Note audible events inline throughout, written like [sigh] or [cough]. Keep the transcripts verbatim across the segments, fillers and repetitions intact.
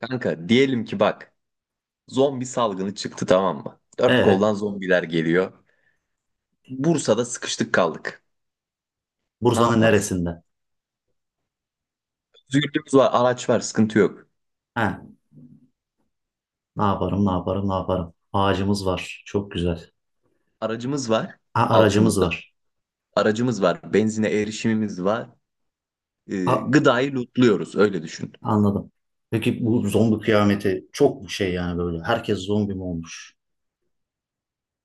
Kanka diyelim ki bak, zombi salgını çıktı, tamam mı? Dört E, koldan zombiler geliyor. Bursa'da sıkıştık kaldık. Ne Bursa'nın yaparız? neresinde? Özgürlüğümüz var, araç var, sıkıntı yok. He, ne yaparım, ne yaparım, ne yaparım? Ağacımız var. Çok güzel. Aracımız var Ha, aracımız altımızda. var. Aracımız var, benzine erişimimiz var. Ee, A, gıdayı lootluyoruz, öyle düşün. anladım. Peki bu zombi kıyameti çok şey yani böyle. Herkes zombi mi olmuş?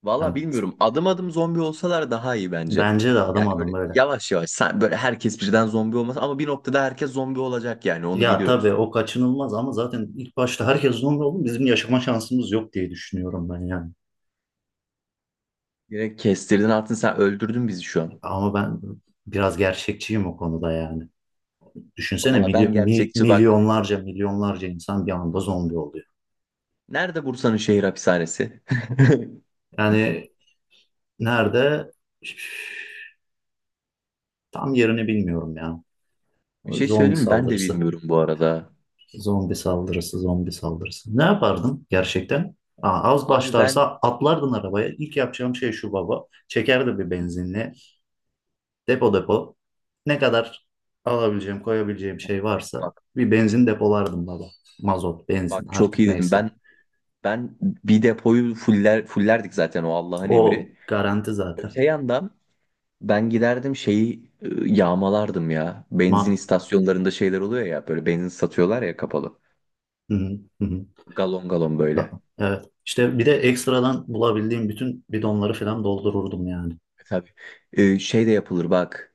Valla Yani bilmiyorum, adım adım zombi olsalar daha iyi bence. bence de adım Yani adım böyle böyle. yavaş yavaş sen- böyle herkes birden zombi olmaz ama bir noktada herkes zombi olacak, yani onu Ya biliyoruz. tabii o kaçınılmaz ama zaten ilk başta herkes zombi oldu. Bizim yaşama şansımız yok diye düşünüyorum ben yani. Direkt kestirdin attın, sen öldürdün bizi şu an. Ama ben biraz gerçekçiyim o konuda yani. Düşünsene Valla ben milyon, gerçekçi bak. milyonlarca milyonlarca insan bir anda zombi oluyor. Nerede Bursa'nın şehir hapishanesi? [laughs] Yani, nerede? Tam yerini bilmiyorum ya. Bir şey Zombi söyleyeyim mi? Ben de saldırısı. bilmiyorum bu arada. Zombi saldırısı, zombi saldırısı. Ne yapardım gerçekten? Aa, az Abi ben başlarsa atlardın arabaya. İlk yapacağım şey şu baba. Çekerdim bir benzinli. Depo depo. Ne kadar alabileceğim, koyabileceğim şey varsa bak bir benzin depolardım baba. Mazot, bak, benzin çok artık iyi dedim. neyse. Ben ben bir depoyu fuller fullerdik zaten, o Allah'ın O emri. garanti zaten. Öte yandan ben giderdim, şeyi e, yağmalardım ya. Benzin Ma istasyonlarında şeyler oluyor ya, böyle benzin satıyorlar ya, kapalı. Hı hı, hı hı. Galon galon böyle. Evet. İşte bir de ekstradan bulabildiğim bütün bidonları falan doldururdum yani. E, tabii. E, şey de yapılır bak.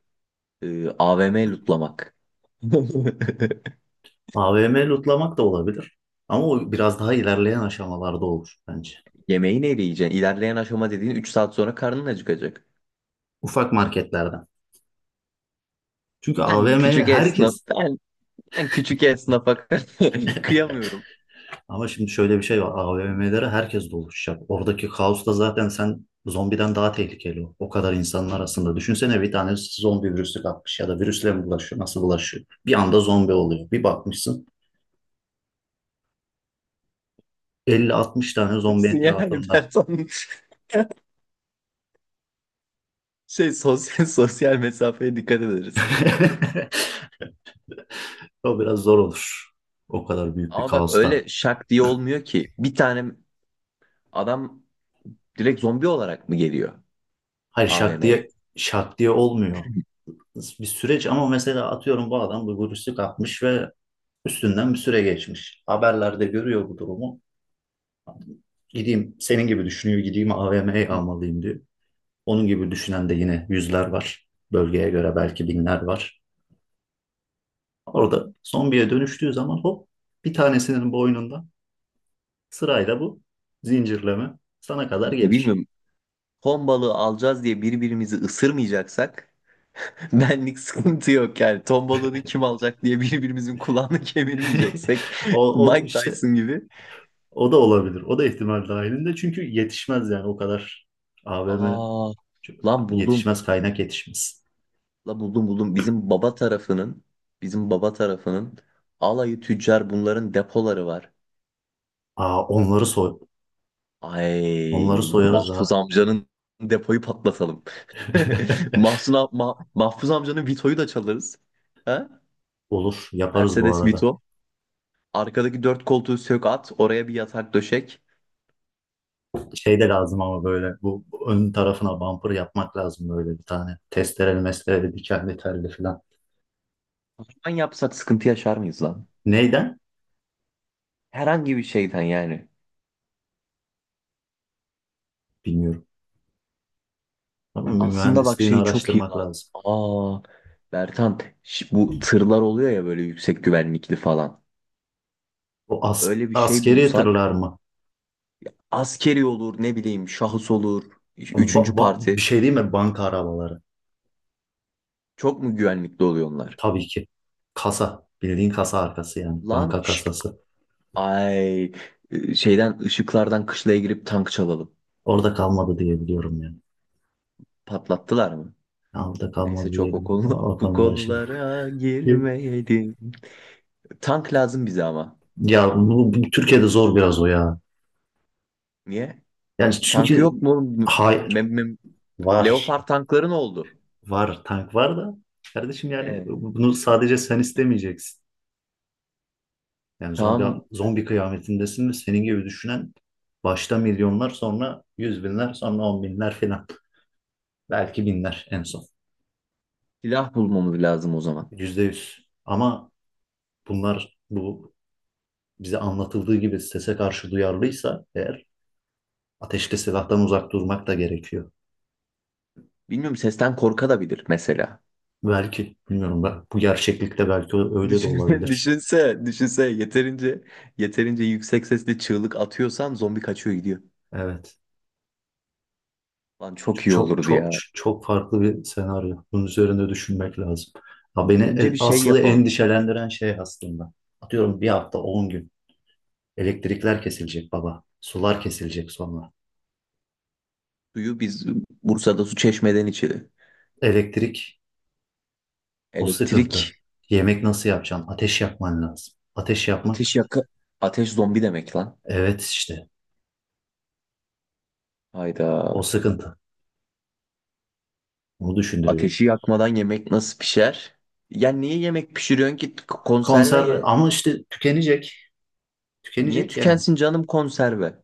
E, A V M lootlamak. [laughs] A V M lootlamak da olabilir. Ama o biraz daha ilerleyen aşamalarda olur bence. Yemeği neyle yiyeceksin? İlerleyen aşama dediğin üç saat sonra karnın acıkacak. Ufak marketlerden. Çünkü Ben A V M'ye küçük esnaf, herkes, ben, ben küçük esnafa [laughs] kıyamıyorum. ama şimdi şöyle bir şey var. A V M'lere herkes doluşacak. Oradaki kaos da zaten sen zombiden daha tehlikeli o. O kadar insanın arasında. Düşünsene bir tane zombi virüsü kapmış ya da virüsle mi bulaşıyor? Nasıl bulaşıyor? Bir anda zombi oluyor. Bir bakmışsın elli altmış tane zombi Nasıl yani, etrafında. ben sana- [laughs] şey, sosyal sosyal mesafeye dikkat ederiz. [laughs] O biraz zor olur. O kadar büyük bir Ama bak, kaosta. öyle şak diye olmuyor ki. Bir tane adam direkt zombi olarak mı geliyor Hayır, şak A V M'ye? diye şak diye olmuyor. Bir süreç ama mesela atıyorum bu adam bu virüsü kapmış ve üstünden bir süre geçmiş. Haberlerde görüyor bu durumu. Gideyim senin gibi düşünüyor, gideyim A V M'ye almalıyım diyor. Onun gibi düşünen de yine yüzler var. Bölgeye göre belki binler var. Orada zombiye dönüştüğü zaman hop bir tanesinin boynunda sırayla bu zincirleme sana kadar Ya gelir. bilmiyorum. Ton balığı alacağız diye birbirimizi ısırmayacaksak [laughs] benlik sıkıntı yok yani. Ton balığını kim alacak diye birbirimizin kulağını [laughs] [laughs] kemirmeyeceksek O, [laughs] o Mike işte Tyson gibi. o da olabilir. O da ihtimal dahilinde çünkü yetişmez yani o kadar A V M. Aa, lan buldum. Yetişmez, kaynak yetişmez. Lan buldum buldum. Bizim baba tarafının bizim baba tarafının alayı tüccar, bunların depoları var. Aa, onları soy onları Ay, soyarız Mahfuz ha. amcanın depoyu patlatalım. [laughs] [laughs] Mahsun am- Ma- Mahfuz amcanın Vito'yu da çalarız. Ha? Olur, yaparız bu Mercedes arada. Vito. Arkadaki dört koltuğu sök at. Oraya bir yatak döşek. Şey de lazım ama böyle bu ön tarafına bumper yapmak lazım böyle bir tane. Testereli mestereli dikenli telli falan. Lan yapsak sıkıntı yaşar mıyız lan? Neyden? Herhangi bir şeyden yani. Bilmiyorum. Ama Aslında bak mühendisliğini şey, çok iyi araştırmak lan. lazım. Aa, Bertan, ş- bu tırlar oluyor ya böyle, yüksek güvenlikli falan. O as Öyle bir şey askeri tırlar bulsak, mı? askeri olur ne bileyim, şahıs olur. Üç- Ba- Üçüncü ba- parti. bir şey değil mi? Banka arabaları. Çok mu güvenlikli oluyor onlar? Tabii ki. Kasa. Bildiğin kasa arkası yani. Lan Banka şşt, kasası. ay, Ee, şeyden, ışıklardan kışlaya girip tank çalalım. Orada kalmadı diye biliyorum yani. Patlattılar mı? Altta Neyse, kalmadı çok o diyebilirim. konu O [laughs] bu konuları şey. konulara E, girmeyelim. Tank lazım bize ama. Ya bu, bu Türkiye'de zor biraz o ya. Niye? Yani Tank çünkü yok mu, oğlum? hayır, Mem mem var. Leopard tankların oldu. Var, tank var da kardeşim yani Ee, bunu sadece sen istemeyeceksin. Yani zombi tamam zombi kıyametindesin ve senin gibi düşünen başta milyonlar, sonra yüz binler, sonra on binler filan. Belki binler en son. silah bulmamız lazım o zaman. Yüzde yüz. Ama bunlar bu bize anlatıldığı gibi sese karşı duyarlıysa eğer ateşli silahtan uzak durmak da gerekiyor. Bilmiyorum, sesten korka da bilir mesela. Belki bilmiyorum ben. Bu gerçeklikte belki öyle de Düşün, [laughs] olabilir. düşünse, düşünse yeterince yeterince yüksek sesle çığlık atıyorsan zombi kaçıyor gidiyor. Evet. Lan çok iyi Çok olurdu çok ya. çok farklı bir senaryo. Bunun üzerinde düşünmek lazım. Ha, beni Önce e, bir şey asıl yapalım. endişelendiren şey aslında. Atıyorum bir hafta on gün. Elektrikler kesilecek baba. Sular kesilecek sonra. Suyu biz Bursa'da, su çeşmeden içelim. Elektrik, o sıkıntı. Elektrik, Yemek nasıl yapacaksın? Ateş yapman lazım. Ateş yapmak ateş yaka ateş zombi demek lan. evet işte o Hayda. sıkıntı. Onu düşündürüyor. Ateşi yakmadan yemek nasıl pişer? Ya niye yemek pişiriyorsun ki, K- konserve Konserve ye. ama işte tükenecek. Niye Tükenecek yani. tükensin canım konserve?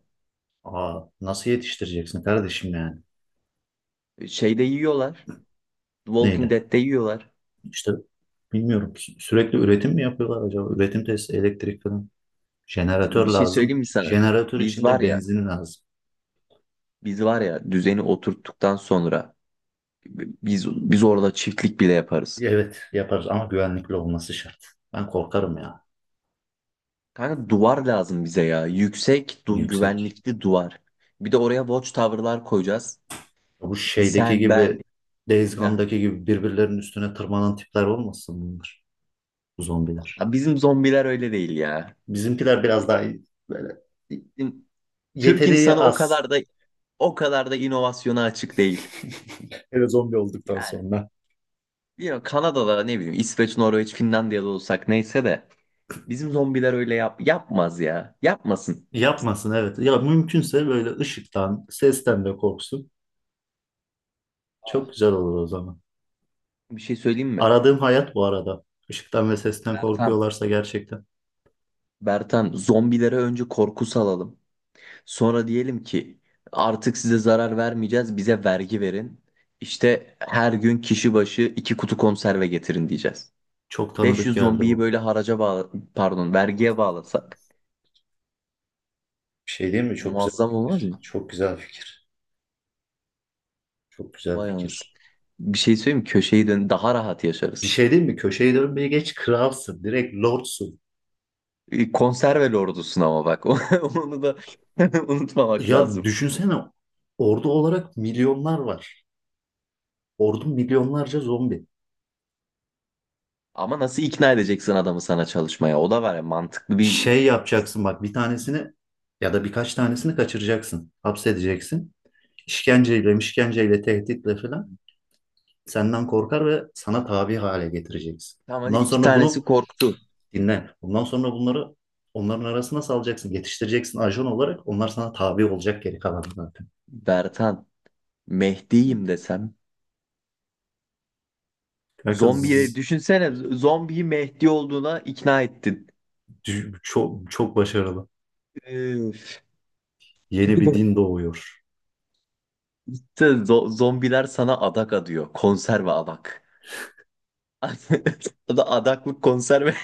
Aa, nasıl yetiştireceksin kardeşim yani? E, şeyde yiyorlar. The Walking Neydi? Dead'de yiyorlar. İşte bilmiyorum. Sü- Sürekli üretim mi yapıyorlar acaba? Üretim tesisi, elektrik falan. E, Jeneratör bir şey söyleyeyim lazım. mi sana? Jeneratör Biz için var de ya, benzin lazım. biz var ya, düzeni oturttuktan sonra e, biz biz orada çiftlik bile yaparız. Evet yaparız ama güvenlikli olması şart. Ben korkarım ya. Kanka duvar lazım bize ya. Yüksek, du Yüksek. güvenlikli duvar. Bir de oraya watchtower'lar koyacağız. Bu şeydeki Sen, ben. gibi Days Heh. Gone'daki gibi birbirlerinin üstüne tırmanan tipler olmasın bunlar? Bu zombiler. Ha, bizim zombiler öyle değil ya. Bizimkiler biraz daha iyi, böyle Bizim Türk yeteneği insanı o az. kadar da o kadar da inovasyona açık değil. [laughs] Hele zombi olduktan sonra. Bilmiyorum, Kanada'da, ne bileyim, İsveç, Norveç, Finlandiya'da olsak neyse de bizim zombiler öyle yap yapmaz ya. Yapmasın. Yapmasın evet. Ya mümkünse böyle ışıktan, sesten de korksun. Çok Aa, güzel olur o zaman. bir şey söyleyeyim mi? Aradığım hayat bu arada. Işıktan ve sesten Bertan, korkuyorlarsa gerçekten Bertan, zombilere önce korku salalım. Sonra diyelim ki artık size zarar vermeyeceğiz, bize vergi verin. İşte her gün kişi başı iki kutu konserve getirin diyeceğiz. çok tanıdık beş yüz geldi zombiyi bu. böyle haraca bağla, pardon, vergiye bağlasak Bir şey değil mi? Çok güzel muazzam olmaz fikir. mı? Çok güzel fikir. Çok güzel Vay anasını. fikir. Bir şey söyleyeyim mi? Köşeyi dön, daha rahat Bir yaşarız. şey değil mi? Köşeyi dönmeyi geç, kralsın. Direkt lordsun. E, konserve lordusun ama bak, [laughs] onu da [laughs] unutmamak Ya lazım. düşünsene ordu olarak milyonlar var. Ordu milyonlarca zombi. Ama nasıl ikna edeceksin adamı sana çalışmaya? O da var ya, mantıklı Şey bir... yapacaksın bak, bir tanesini ya da birkaç tanesini kaçıracaksın. Hapsedeceksin. İşkenceyle, işkenceyle, tehditle falan senden korkar ve sana tabi hale getireceksin. Tamam, hadi Bundan iki sonra tanesi bunu korktu. dinle. Bundan sonra bunları onların arasına salacaksın, yetiştireceksin ajan olarak. Onlar sana tabi olacak, geri kalan zaten. Bertan, Mehdi'yim desem, Kanka zzz, zombiye düşünsene, z- zombiyi Mehdi olduğuna ikna ettin. çok çok başarılı. Üf. Yeni bir din doğuyor. İşte zo- zombiler sana adak adıyor. Konserve adak. [laughs] O da adaklık konserve.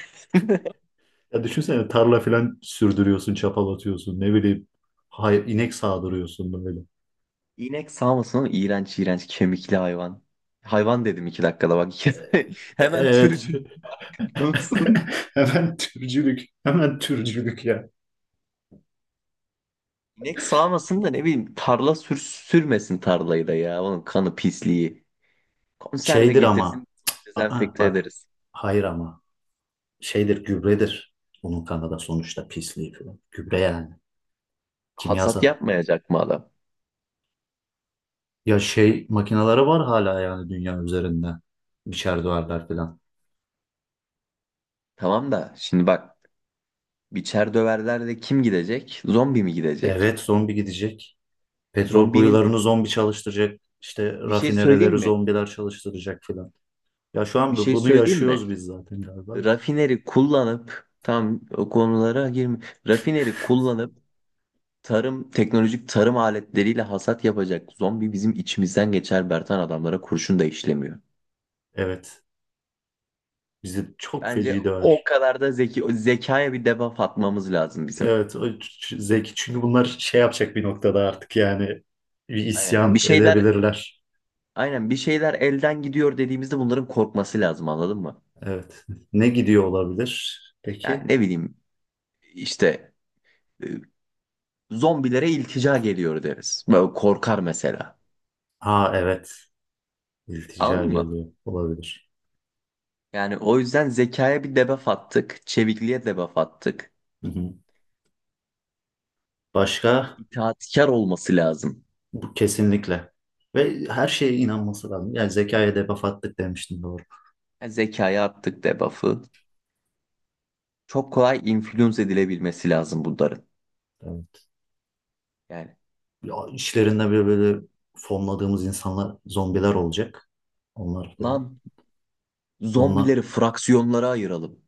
Ya düşünsene, tarla falan sürdürüyorsun, çapal atıyorsun, ne bileyim, hayır, inek sağdırıyorsun böyle. İnek sağmasın oğlum. İğrenç iğrenç kemikli hayvan. Hayvan dedim iki dakikada bak. [laughs] E- Hemen Evet. türcül. [laughs] Olsun. Hemen türcülük. Hemen türcülük ya. İnek sağmasın da ne bileyim, tarla sür sürmesin tarlayı da ya. Onun kanı, pisliği. Konserve Şeydir ama, getirsin, aa dezenfekte bak, ederiz. hayır ama şeydir, gübredir. Onun kanada sonuçta pisliği falan. Gübre yani. Hasat Kimyasal. yapmayacak mı adam? Ya şey makineleri var hala yani dünya üzerinde. Biçer duvarlar falan. Tamam da şimdi bak, biçer döverler de kim gidecek? Zombi mi gidecek? Evet, zombi gidecek. Petrol Zombinin kuyularını zombi çalıştıracak. İşte bir şey söyleyeyim rafinereleri mi? zombiler çalıştıracak falan. Ya şu Bir an bu- şey bunu söyleyeyim mi? yaşıyoruz biz zaten galiba da. Rafineri kullanıp tam o konulara girme. Rafineri kullanıp tarım teknolojik tarım aletleriyle hasat yapacak zombi bizim içimizden geçer Bertan, adamlara kurşun da işlemiyor. Evet. Bizi çok Bence feci o döver. kadar da zeki, o zekaya bir debuff atmamız lazım bizim. Evet, o ç- ç- zeki çünkü bunlar şey yapacak bir noktada artık yani bir Aynen bir isyan şeyler edebilirler. aynen bir şeyler elden gidiyor dediğimizde bunların korkması lazım, anladın mı? Evet. Ne gidiyor olabilir? Yani Peki. ne bileyim, İşte e, zombilere iltica geliyor deriz. Böyle korkar mesela. Ha, evet. İltica Anladın mı? geliyor olabilir. Yani o yüzden zekaya bir debuff attık. Çevikliğe debuff attık. Hı hı. Başka? İtaatkar olması lazım. Bu kesinlikle. Ve her şeye inanması lazım. Yani zekaya debuff attık demiştim, doğru. Yani zekaya attık debuff'ı. Çok kolay influence edilebilmesi lazım bunların. Evet. Yani Ya, işlerinde böyle böyle fonladığımız insanlar zombiler olacak. Onlar falan. lan, Onlar zombileri fraksiyonlara ayıralım.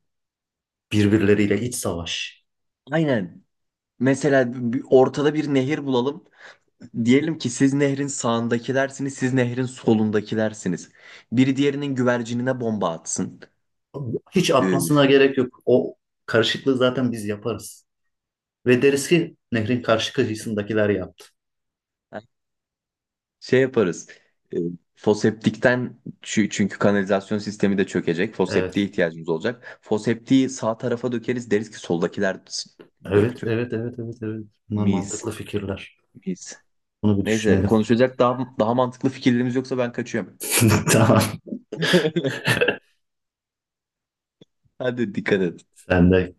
birbirleriyle iç savaş. Aynen. Mesela bir- ortada bir nehir bulalım. Diyelim ki siz nehrin sağındakilersiniz, siz nehrin solundakilersiniz. Biri diğerinin güvercinine bomba atsın. Hiç Ee, atmasına gerek yok. O karışıklığı zaten biz yaparız. Ve deriz ki nehrin karşı kıyısındakiler yaptı. şey yaparız. Ee, foseptikten, çü- çünkü kanalizasyon sistemi de çökecek. Foseptiğe Evet. ihtiyacımız olacak. Foseptiği sağ tarafa dökeriz, deriz ki soldakiler s- Evet, döktü. evet, evet, evet, evet. Bunlar mantıklı Mis. fikirler. Mis. Bunu bir Neyse, düşünelim. konuşacak daha daha mantıklı fikirlerimiz yoksa ben kaçıyorum. [laughs] Tamam. [laughs] Hadi, dikkat et. Sen de